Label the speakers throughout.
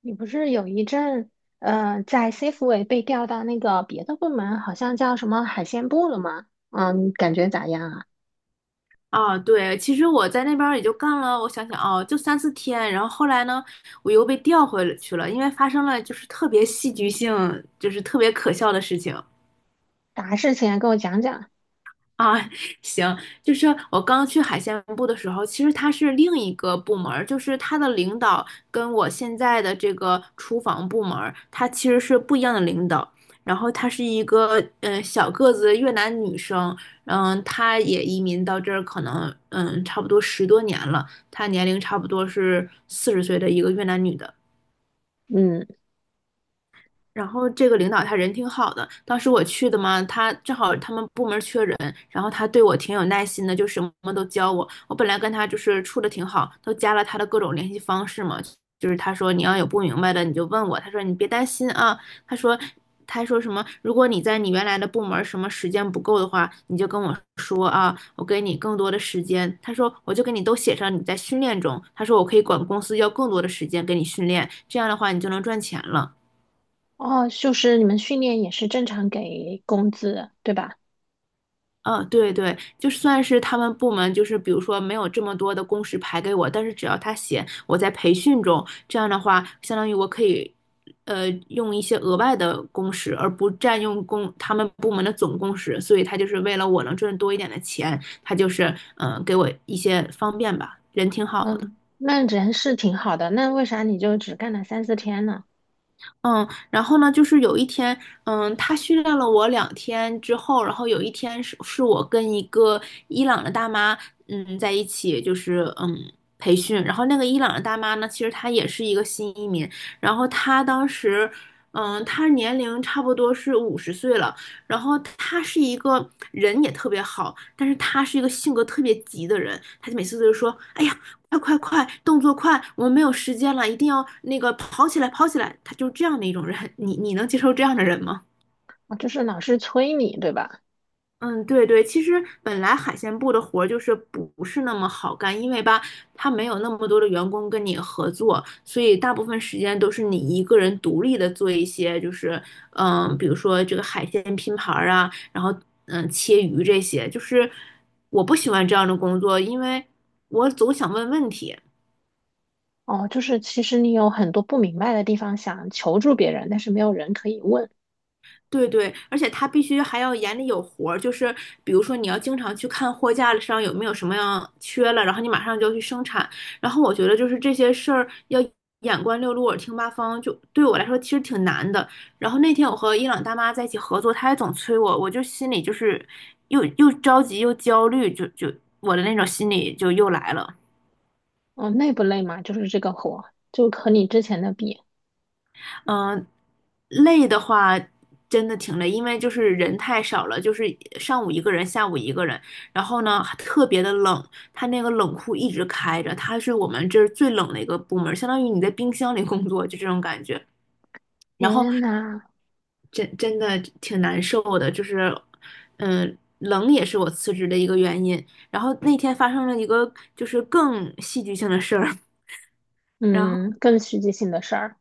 Speaker 1: 你不是有一阵，在 C a f e 被调到那个别的部门，好像叫什么海鲜部了吗？嗯，感觉咋样啊？
Speaker 2: 啊，对，其实我在那边儿也就干了，我想想哦，就3、4天，然后后来呢，我又被调回了去了，因为发生了就是特别戏剧性，就是特别可笑的事情。
Speaker 1: 啥事情啊？跟我讲讲。
Speaker 2: 啊，行，就是我刚去海鲜部的时候，其实它是另一个部门儿，就是它的领导跟我现在的这个厨房部门儿，它其实是不一样的领导。然后她是一个小个子越南女生，嗯，她也移民到这儿，可能差不多10多年了，她年龄差不多是40岁的一个越南女的。
Speaker 1: 嗯，
Speaker 2: 然后这个领导他人挺好的，当时我去的嘛，他正好他们部门缺人，然后他对我挺有耐心的，就什么都教我。我本来跟他就是处的挺好，都加了他的各种联系方式嘛，就是他说你要有不明白的你就问我，他说你别担心啊，他说他说什么，如果你在你原来的部门什么时间不够的话，你就跟我说啊，我给你更多的时间。他说我就给你都写上你在训练中，他说我可以管公司要更多的时间给你训练，这样的话你就能赚钱了。
Speaker 1: 哦，就是你们训练也是正常给工资，对吧？
Speaker 2: 嗯，对对，就算是他们部门，就是比如说没有这么多的工时排给我，但是只要他写我在培训中，这样的话，相当于我可以，用一些额外的工时，而不占用工他们部门的总工时，所以他就是为了我能赚多一点的钱，他就是给我一些方便吧，人挺好的。
Speaker 1: 嗯，那人是挺好的，那为啥你就只干了三四天呢？
Speaker 2: 嗯，然后呢，就是有一天，嗯，他训练了我2天之后，然后有一天是我跟一个伊朗的大妈，嗯，在一起，就是培训。然后那个伊朗的大妈呢，其实她也是一个新移民，然后她当时，她年龄差不多是五十岁了，然后她是一个人也特别好，但是她是一个性格特别急的人，她就每次都是说，哎呀，快快快，动作快，我们没有时间了，一定要那个跑起来，跑起来。他就是这样的一种人，你能接受这样的人吗？
Speaker 1: 哦，就是老师催你，对吧？
Speaker 2: 嗯，对对，其实本来海鲜部的活儿就是不是那么好干，因为吧，他没有那么多的员工跟你合作，所以大部分时间都是你一个人独立的做一些，就是比如说这个海鲜拼盘儿啊，然后切鱼这些，就是我不喜欢这样的工作，因为我总想问问题。
Speaker 1: 哦，就是其实你有很多不明白的地方，想求助别人，但是没有人可以问。
Speaker 2: 对对，而且他必须还要眼里有活儿，就是比如说你要经常去看货架上有没有什么样缺了，然后你马上就要去生产。然后我觉得就是这些事儿要眼观六路，耳听八方，就对我来说其实挺难的。然后那天我和伊朗大妈在一起合作，她也总催我，我就心里就是又着急又焦虑，就我的那种心理就又来了。
Speaker 1: 哦，累不累嘛？就是这个活，就和你之前的比。
Speaker 2: 嗯，累的话真的挺累，因为就是人太少了，就是上午一个人，下午一个人，然后呢还特别的冷，它那个冷库一直开着，它是我们这儿最冷的一个部门，相当于你在冰箱里工作，就这种感觉。然后
Speaker 1: 天呐，
Speaker 2: 真的挺难受的，就是嗯，冷也是我辞职的一个原因。然后那天发生了一个就是更戏剧性的事儿。然后。
Speaker 1: 嗯，更实际性的事儿，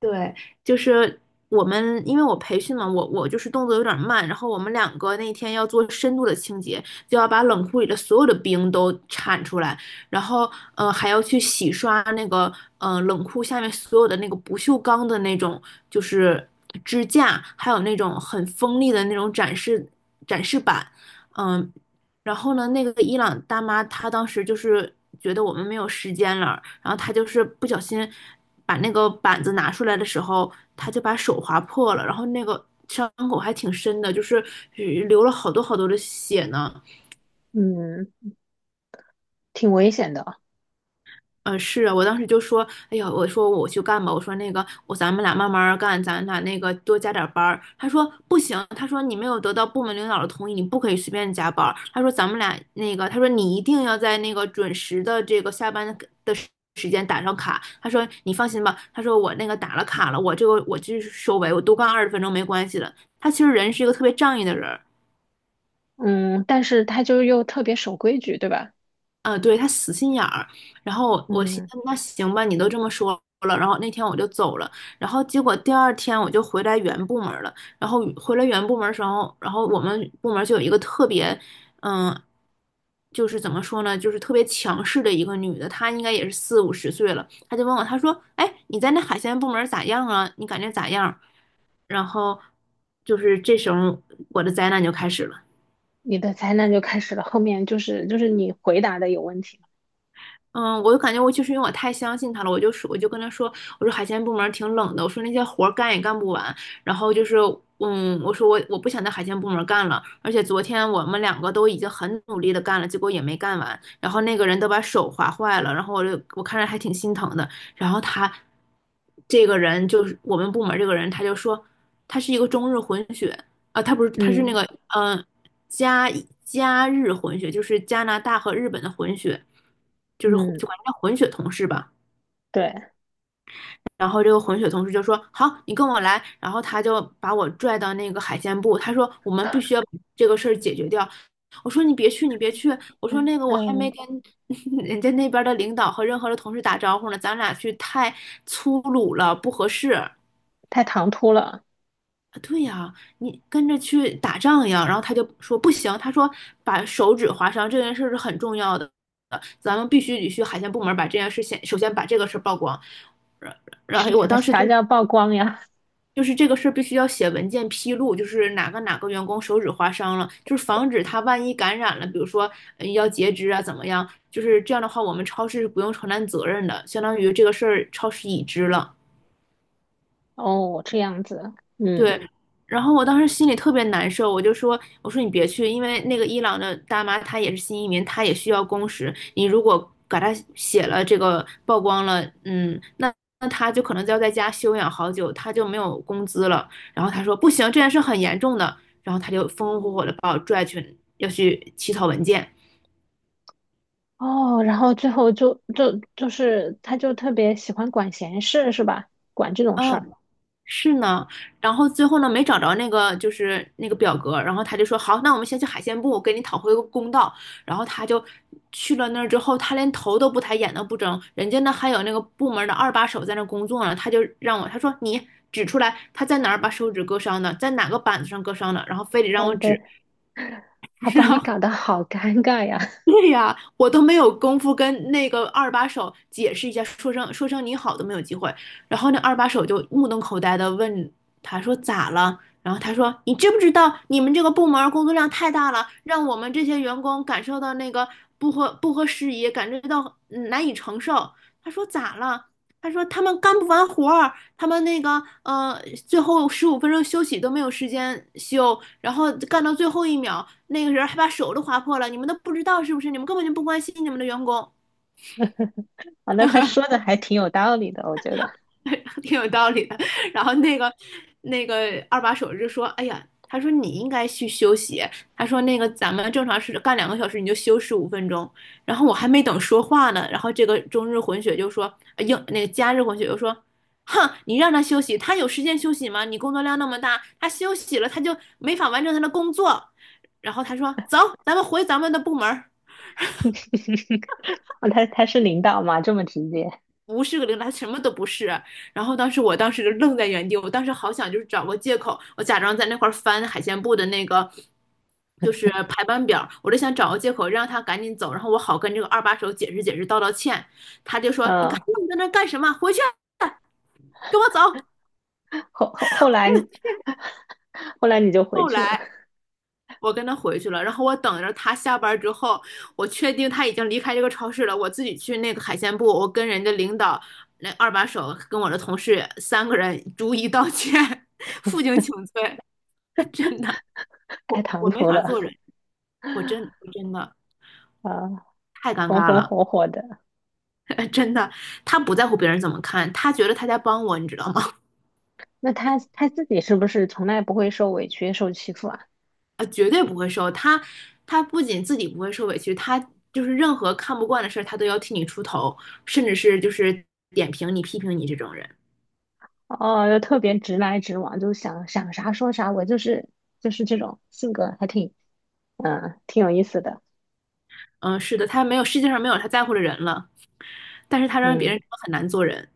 Speaker 2: 对，就是我们，因为我培训嘛，我就是动作有点慢，然后我们两个那天要做深度的清洁，就要把冷库里的所有的冰都铲出来，然后还要去洗刷那个冷库下面所有的那个不锈钢的那种就是支架，还有那种很锋利的那种展示板，嗯，然后呢，那个伊朗大妈她当时就是觉得我们没有时间了，然后他就是不小心把那个板子拿出来的时候，他就把手划破了，然后那个伤口还挺深的，就是流了好多好多的血呢。
Speaker 1: 嗯，挺危险的，
Speaker 2: 嗯，是啊，我当时就说，哎呀，我说我去干吧，我说那个，我咱们俩慢慢儿干，咱俩那个多加点儿班儿。他说不行，他说你没有得到部门领导的同意，你不可以随便加班儿。他说咱们俩那个，他说你一定要在那个准时的这个下班的时间打上卡。他说你放心吧，他说我那个打了卡了，我这个我就是收尾，我多干20分钟没关系的。他其实人是一个特别仗义的人，
Speaker 1: 嗯，但是他就又特别守规矩，对吧？
Speaker 2: 嗯，对，他死心眼儿。然后我寻
Speaker 1: 嗯，
Speaker 2: 思，那行吧，你都这么说了。然后那天我就走了。然后结果第二天我就回来原部门儿了。然后回来原部门儿的时候，然后我们部门儿就有一个特别，嗯，就是怎么说呢，就是特别强势的一个女的，她应该也是40、50岁了。她就问我，她说："哎，你在那海鲜部门儿咋样啊？你感觉咋样？"然后就是这时候我的灾难就开始了。
Speaker 1: 你的灾难就开始了，后面就是你回答的有问题，
Speaker 2: 嗯，我就感觉我就是因为我太相信他了，我就说我就跟他说，我说海鲜部门儿挺冷的，我说那些活儿干也干不完，然后就是嗯，我说我不想在海鲜部门儿干了，而且昨天我们两个都已经很努力的干了，结果也没干完，然后那个人都把手划坏了，然后我就我看着还挺心疼的，然后他这个人就是我们部门儿这个人，他就说他是一个中日混血啊，他不是他是那
Speaker 1: 嗯
Speaker 2: 个嗯加加日混血，就是加拿大和日本的混血，就是混
Speaker 1: 嗯，
Speaker 2: 就管它叫混血同事吧。
Speaker 1: 对，
Speaker 2: 然后这个混血同事就说："好，你跟我来。"然后他就把我拽到那个海鲜部，他说："我们必须要把这个事儿解决掉。"我说："你别去，你别去。"我说：
Speaker 1: 嗯
Speaker 2: “那个我还没
Speaker 1: 嗯，
Speaker 2: 跟 人家那边的领导和任何的同事打招呼呢，咱俩去太粗鲁了，不合适。"
Speaker 1: 太唐突了，
Speaker 2: 对呀，你跟着去打仗一样。然后他就说不行，他说把手指划伤这件事是很重要的，咱们必须得去海鲜部门把这件事先首先把这个事儿曝光。然然后
Speaker 1: 是
Speaker 2: 我
Speaker 1: 啥
Speaker 2: 当时
Speaker 1: 啥
Speaker 2: 就
Speaker 1: 叫曝光呀？
Speaker 2: 就是这个事儿必须要写文件披露，就是哪个员工手指划伤了，就是防止他万一感染了，比如说要截肢啊怎么样，就是这样的话我们超市是不用承担责任的，相当于这个事儿超市已知了。
Speaker 1: 哦，这样子，嗯，
Speaker 2: 对，然后我当时心里特别难受，我就说，我说你别去，因为那个伊朗的大妈她也是新移民，她也需要工时，你如果给她写了这个曝光了，嗯，那她就可能就要在家休养好久，她就没有工资了。然后她说不行，这件事很严重的，然后她就风风火火的把我拽去要去起草文件。
Speaker 1: 哦，然后最后就是他就特别喜欢管闲事，是吧？管这种事
Speaker 2: 啊，
Speaker 1: 儿，
Speaker 2: 是呢，然后最后呢没找着那个就是那个表格，然后他就说好，那我们先去海鲜部，我给你讨回个公道。然后他就去了那儿之后，他连头都不抬，眼都不睁，人家那还有那个部门的二把手在那工作呢，他就让我，他说你指出来他在哪儿把手指割伤的，在哪个板子上割伤的，然后非得让
Speaker 1: 我
Speaker 2: 我
Speaker 1: 的，
Speaker 2: 指，
Speaker 1: 好
Speaker 2: 然
Speaker 1: 把你
Speaker 2: 后
Speaker 1: 搞得好尴尬呀。
Speaker 2: 对呀，我都没有功夫跟那个二把手解释一下，说声你好都没有机会。然后那二把手就目瞪口呆的问他说咋了？然后他说你知不知道你们这个部门儿工作量太大了，让我们这些员工感受到那个不合时宜，感觉到难以承受。他说咋了？他说他们干不完活儿，他们那个最后十五分钟休息都没有时间休，然后干到最后一秒，那个人还把手都划破了，你们都不知道是不是？你们根本就不关心你们的员工。
Speaker 1: 啊，那他说的还挺有道理的，我觉得。
Speaker 2: 挺有道理的。然后那个那个二把手就说：“哎呀，他说你应该去休息。他说那个咱们正常是干2个小时，你就休十五分钟。然后我还没等说话呢，然后这个中日混血就说，呃英那个加日混血就说，哼，你让他休息，他有时间休息吗？你工作量那么大，他休息了他就没法完成他的工作。然后他说，走，咱们回咱们的部门儿。”
Speaker 1: 啊，他他是领导嘛，这么直接。
Speaker 2: 不是个零，他什么都不是。然后当时我当时就愣在原地，我当时好想就是找个借口，我假装在那块儿翻海鲜部的那个就是排班表，我就想找个借口让他赶紧走，然后我好跟这个二把手解释解释，道歉。他就说：“你看
Speaker 1: 嗯，
Speaker 2: 你在那儿干什么？回去啊，跟我走。”
Speaker 1: 后来你，后来你就回
Speaker 2: 后
Speaker 1: 去了，
Speaker 2: 来。我跟他回去了，然后我等着他下班之后，我确定他已经离开这个超市了，我自己去那个海鲜部，我跟人家领导那二把手跟我的同事3个人逐一道歉，负荆请罪，真的，
Speaker 1: 开
Speaker 2: 我
Speaker 1: 唐
Speaker 2: 我没
Speaker 1: 突
Speaker 2: 法
Speaker 1: 了
Speaker 2: 做人，我真的
Speaker 1: 啊，
Speaker 2: 太尴
Speaker 1: 风
Speaker 2: 尬
Speaker 1: 风
Speaker 2: 了，
Speaker 1: 火火的。
Speaker 2: 真的，他不在乎别人怎么看，他觉得他在帮我，你知道吗？
Speaker 1: 那他他自己是不是从来不会受委屈、受欺负啊？
Speaker 2: 啊，绝对不会受。他不仅自己不会受委屈，他就是任何看不惯的事儿，他都要替你出头，甚至是就是点评你、批评你这种人。
Speaker 1: 哦，又特别直来直往，就想啥说啥，我就是这种性格，还挺挺有意思的。
Speaker 2: 嗯，是的，他没有世界上没有他在乎的人了，但是他让别
Speaker 1: 嗯。
Speaker 2: 人真的很难做人。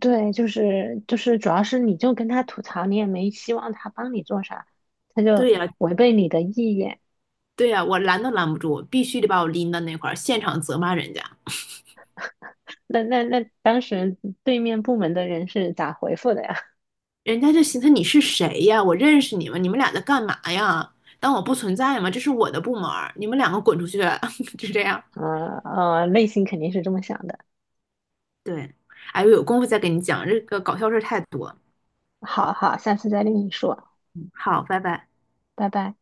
Speaker 1: 对，就是，主要是你就跟他吐槽，你也没希望他帮你做啥，他就
Speaker 2: 对呀，
Speaker 1: 违背你的意愿。
Speaker 2: 对呀，我拦都拦不住，必须得把我拎到那块儿，现场责骂人家。
Speaker 1: 那那那，当时对面部门的人是咋回复的呀？
Speaker 2: 人家就寻思你是谁呀？我认识你吗？你们俩在干嘛呀？当我不存在吗？这是我的部门儿，你们两个滚出去！就这样。
Speaker 1: 内心肯定是这么想的。
Speaker 2: 对，哎，我有功夫再跟你讲，这个搞笑事儿太多。
Speaker 1: 好好，下次再跟你说，
Speaker 2: 好，拜拜。
Speaker 1: 拜拜。